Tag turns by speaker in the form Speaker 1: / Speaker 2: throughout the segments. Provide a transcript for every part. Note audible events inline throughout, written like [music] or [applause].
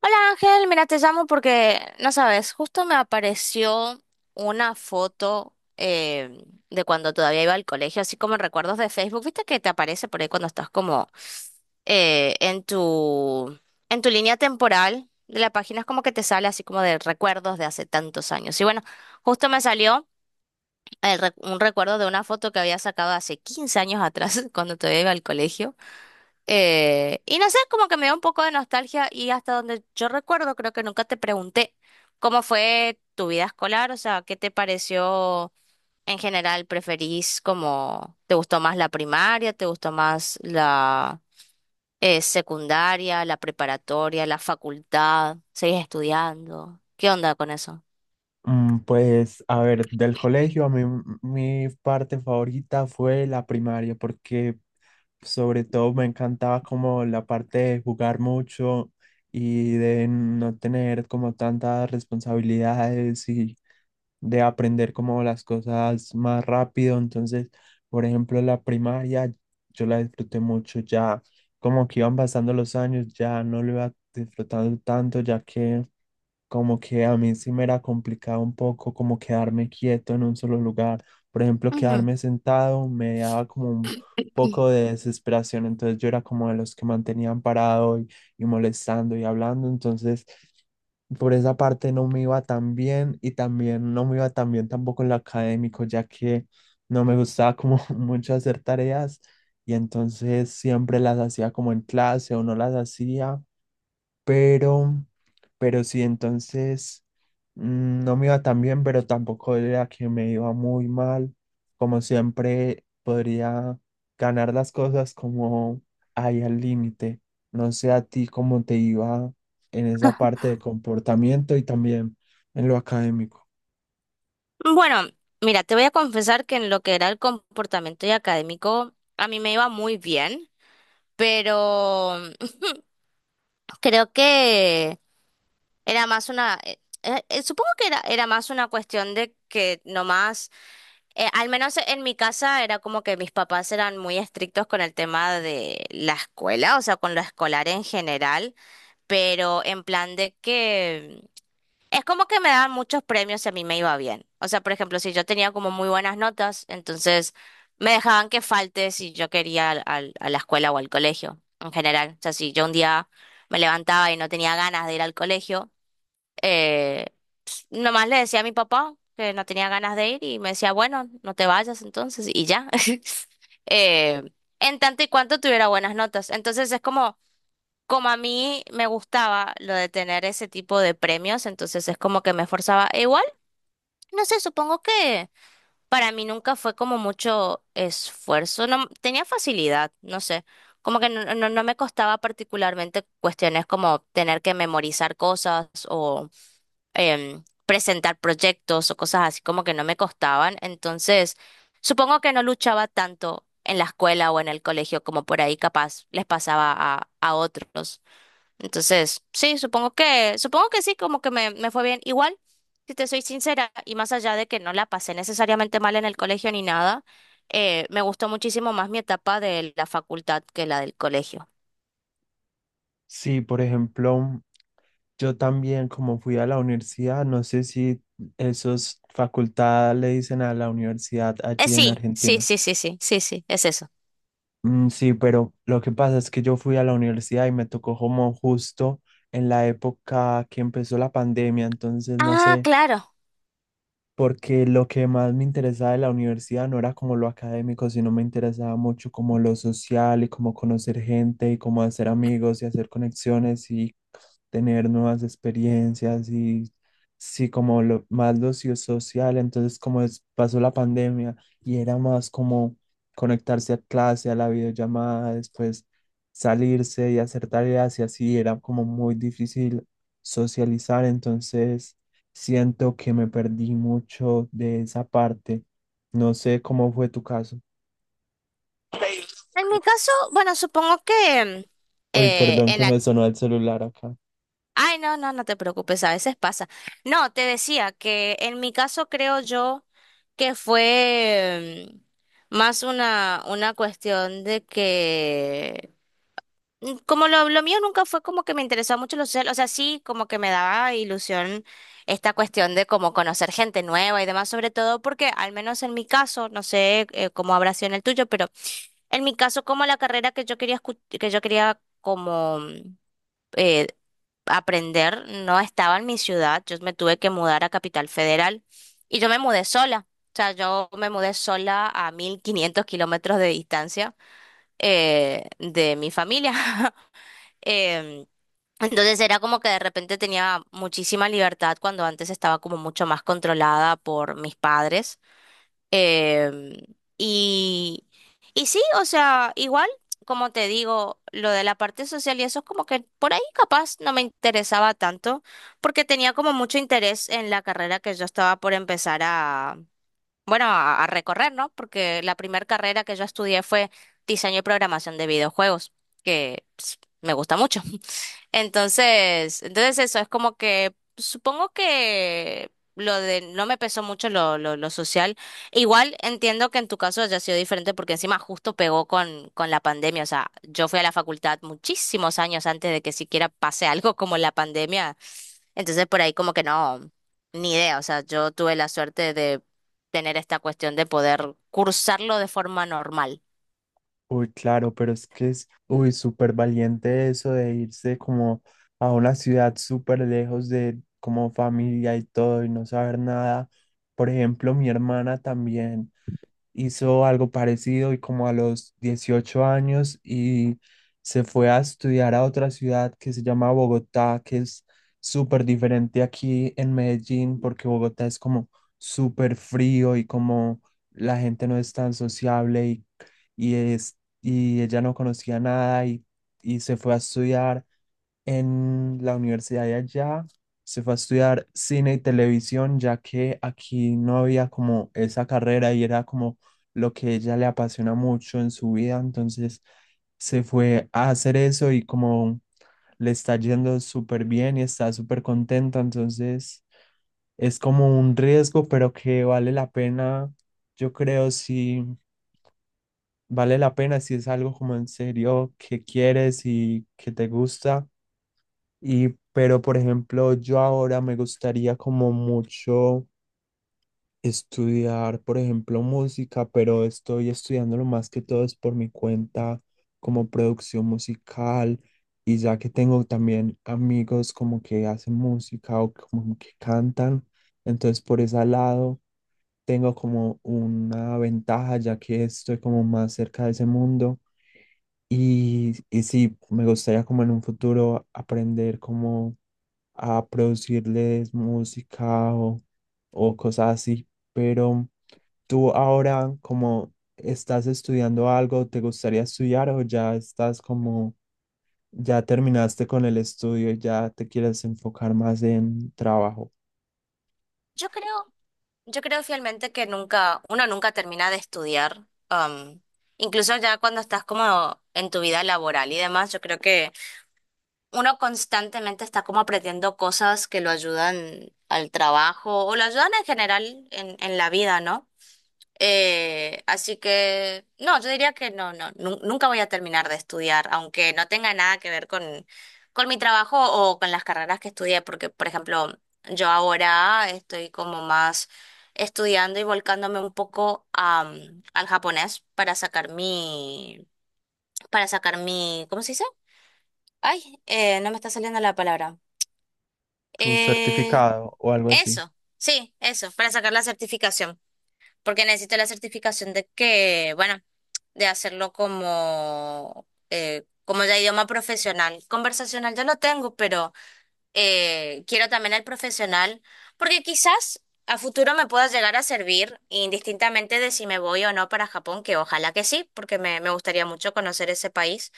Speaker 1: Hola Ángel, mira, te llamo porque, no sabes, justo me apareció una foto de cuando todavía iba al colegio, así como en recuerdos de Facebook. ¿Viste que te aparece por ahí cuando estás como eh, en tu, en tu línea temporal de la página? Es como que te sale así como de recuerdos de hace tantos años. Y bueno, justo me salió un recuerdo de una foto que había sacado hace 15 años atrás, [laughs] cuando todavía iba al colegio. Y no sé, como que me da un poco de nostalgia y hasta donde yo recuerdo, creo que nunca te pregunté cómo fue tu vida escolar, o sea, ¿qué te pareció en general? ¿Preferís como, te gustó más la primaria, te gustó más la secundaria, la preparatoria, la facultad? ¿Seguís estudiando? ¿Qué onda con eso?
Speaker 2: Pues, a ver, del colegio, a mí mi parte favorita fue la primaria, porque sobre todo me encantaba como la parte de jugar mucho y de no tener como tantas responsabilidades y de aprender como las cosas más rápido. Entonces, por ejemplo, la primaria yo la disfruté mucho, ya como que iban pasando los años, ya no lo iba disfrutando tanto, ya que como que a mí sí me era complicado un poco como quedarme quieto en un solo lugar. Por ejemplo,
Speaker 1: Ujú.
Speaker 2: quedarme sentado me daba como un poco de desesperación, entonces yo era como de los que mantenían parado y molestando y hablando, entonces por esa parte no me iba tan bien y también no me iba tan bien tampoco en lo académico, ya que no me gustaba como [laughs] mucho hacer tareas y entonces siempre las hacía como en clase o no las hacía pero, pero sí, entonces no me iba tan bien, pero tampoco era que me iba muy mal. Como siempre, podría ganar las cosas como ahí al límite. No sé a ti cómo te iba en esa parte de comportamiento y también en lo académico.
Speaker 1: Bueno, mira, te voy a confesar que en lo que era el comportamiento y académico, a mí me iba muy bien, pero creo que era más supongo que era más una cuestión de que nomás, al menos en mi casa era como que mis papás eran muy estrictos con el tema de la escuela, o sea, con lo escolar en general, pero en plan de que... Es como que me daban muchos premios si a mí me iba bien. O sea, por ejemplo, si yo tenía como muy buenas notas, entonces me dejaban que falte si yo quería a la escuela o al colegio en general. O sea, si yo un día me levantaba y no tenía ganas de ir al colegio, eh, nomás le decía a mi papá que no tenía ganas de ir y me decía, bueno, no te vayas entonces y ya. [laughs] Eh, en tanto y cuanto tuviera buenas notas. Entonces es como como a mí me gustaba lo de tener ese tipo de premios, entonces es como que me esforzaba. E igual, no sé, supongo que para mí nunca fue como mucho esfuerzo, no tenía facilidad, no sé. Como que no me costaba particularmente cuestiones como tener que memorizar cosas o presentar proyectos o cosas así como que no me costaban. Entonces, supongo que no luchaba tanto en la escuela o en el colegio como por ahí capaz les pasaba a otros. Entonces, sí, supongo que sí, como que me fue bien. Igual, si te soy sincera, y más allá de que no la pasé necesariamente mal en el colegio ni nada, me gustó muchísimo más mi etapa de la facultad que la del colegio.
Speaker 2: Sí, por ejemplo, yo también como fui a la universidad, no sé si esos facultad le dicen a la universidad
Speaker 1: Eh,
Speaker 2: allí en
Speaker 1: sí, sí,
Speaker 2: Argentina.
Speaker 1: sí, sí, sí, sí, sí, es eso.
Speaker 2: Mm, sí, pero lo que pasa es que yo fui a la universidad y me tocó como justo en la época que empezó la pandemia, entonces no
Speaker 1: Ah,
Speaker 2: sé
Speaker 1: claro.
Speaker 2: porque lo que más me interesaba de la universidad no era como lo académico, sino me interesaba mucho como lo social y como conocer gente y como hacer amigos y hacer conexiones y tener nuevas experiencias y sí, como lo, más lo social. Entonces, como pasó la pandemia y era más como conectarse a clase, a la videollamada, después salirse y hacer tareas y así era como muy difícil socializar. Entonces, siento que me perdí mucho de esa parte. No sé cómo fue tu caso.
Speaker 1: En mi caso, bueno, supongo que
Speaker 2: Uy, perdón
Speaker 1: en...
Speaker 2: que me sonó el celular acá.
Speaker 1: Ay, no, no, no te preocupes, a veces pasa. No, te decía que en mi caso creo yo que fue más una cuestión de que, como lo mío nunca fue como que me interesaba mucho lo social, o sea, sí, como que me daba ilusión esta cuestión de como conocer gente nueva y demás, sobre todo porque al menos en mi caso, no sé cómo habrá sido en el tuyo, pero en mi caso como la carrera que yo quería que yo quería como eh, aprender no estaba en mi ciudad, yo me tuve que mudar a Capital Federal y yo me mudé sola, o sea, yo me mudé sola a 1500 kilómetros de distancia de mi familia. [laughs] Em, entonces era como que de repente tenía muchísima libertad cuando antes estaba como mucho más controlada por mis padres. Em, y, y sí, o sea, igual, como te digo, lo de la parte social y eso es como que por ahí capaz no me interesaba tanto, porque tenía como mucho interés en la carrera que yo estaba por empezar bueno, a recorrer, ¿no? Porque la primera carrera que yo estudié fue diseño y programación de videojuegos, que pues, me gusta mucho. Entonces eso es como que supongo que lo de no me pesó mucho lo social. Igual entiendo que en tu caso haya sido diferente porque encima justo pegó con la pandemia. O sea, yo fui a la facultad muchísimos años antes de que siquiera pase algo como la pandemia. Entonces por ahí como que no, ni idea. O sea, yo tuve la suerte de tener esta cuestión de poder cursarlo de forma normal.
Speaker 2: Uy, claro, pero es que es, uy, súper valiente eso de irse como a una ciudad súper lejos de como familia y todo y no saber nada. Por ejemplo, mi hermana también hizo algo parecido y como a los 18 años y se fue a estudiar a otra ciudad que se llama Bogotá, que es súper diferente aquí en Medellín porque Bogotá es como súper frío y como la gente no es tan sociable y es, y ella no conocía nada y se fue a estudiar en la universidad de allá, se fue a estudiar cine y televisión, ya que aquí no había como esa carrera y era como lo que ella le apasiona mucho en su vida. Entonces se fue a hacer eso y como le está yendo súper bien y está súper contenta. Entonces es como un riesgo, pero que vale la pena, yo creo, si vale la pena, si es algo como en serio que quieres y que te gusta y, pero, por ejemplo, yo ahora me gustaría como mucho estudiar, por ejemplo, música, pero estoy estudiando lo más que todo es por mi cuenta como producción musical y ya que tengo también amigos como que hacen música o como que cantan, entonces por ese lado tengo como una ventaja ya que estoy como más cerca de ese mundo y sí, me gustaría como en un futuro aprender como a producirles música o cosas así. Pero tú ahora, como estás estudiando algo, ¿te gustaría estudiar o ya estás como, ya terminaste con el estudio y ya te quieres enfocar más en trabajo,
Speaker 1: Yo creo Yo creo fielmente que nunca, uno nunca termina de estudiar. am, Incluso ya cuando estás como en tu vida laboral y demás, yo creo que uno constantemente está como aprendiendo cosas que lo ayudan al trabajo o lo ayudan en general en la vida, ¿no? Así que no, yo diría que nunca voy a terminar de estudiar, aunque no tenga nada que ver con mi trabajo o con las carreras que estudié, porque, por ejemplo, yo ahora estoy como más estudiando y volcándome un poco al japonés para sacar para sacar mi, ¿cómo se dice? Ay, no me está saliendo la palabra.
Speaker 2: tu
Speaker 1: Eh,
Speaker 2: certificado o algo así?
Speaker 1: Eso, sí, eso, para sacar la certificación. Porque necesito la certificación de que, bueno, de hacerlo como, como ya idioma profesional. Conversacional ya lo tengo, pero quiero también el profesional, porque quizás a futuro me pueda llegar a servir, indistintamente de si me voy o no para Japón, que ojalá que sí, porque me gustaría mucho conocer ese país.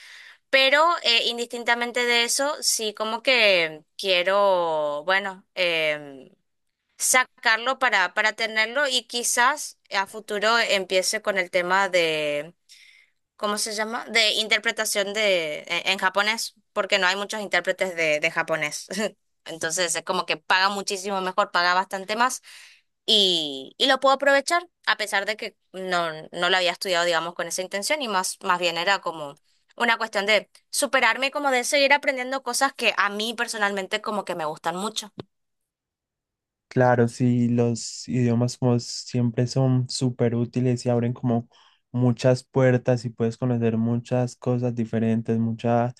Speaker 1: Pero indistintamente de eso, sí como que quiero, bueno, sacarlo para tenerlo y quizás a futuro empiece con el tema de, ¿cómo se llama? De interpretación de, en japonés, porque no hay muchos intérpretes de japonés. [laughs] Entonces es como que paga muchísimo mejor, paga bastante más y lo puedo aprovechar, a pesar de que no lo había estudiado, digamos, con esa intención y más, más bien era como una cuestión de superarme, y como de seguir aprendiendo cosas que a mí personalmente como que me gustan mucho.
Speaker 2: Claro, sí, los idiomas como siempre son súper útiles y abren como muchas puertas y puedes conocer muchas cosas diferentes, mucha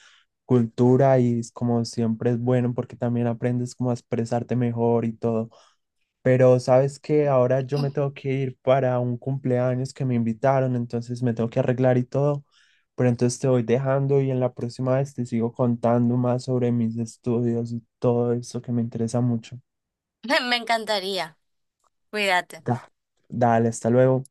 Speaker 2: cultura y es como siempre es bueno porque también aprendes como a expresarte mejor y todo. Pero sabes que ahora yo me
Speaker 1: [laughs]
Speaker 2: tengo que ir para un cumpleaños que me invitaron, entonces me tengo que arreglar y todo. Pero entonces te voy dejando y en la próxima vez te sigo contando más sobre mis estudios y todo eso que me interesa mucho.
Speaker 1: Me encantaría. Cuídate.
Speaker 2: Da- Dale, hasta luego.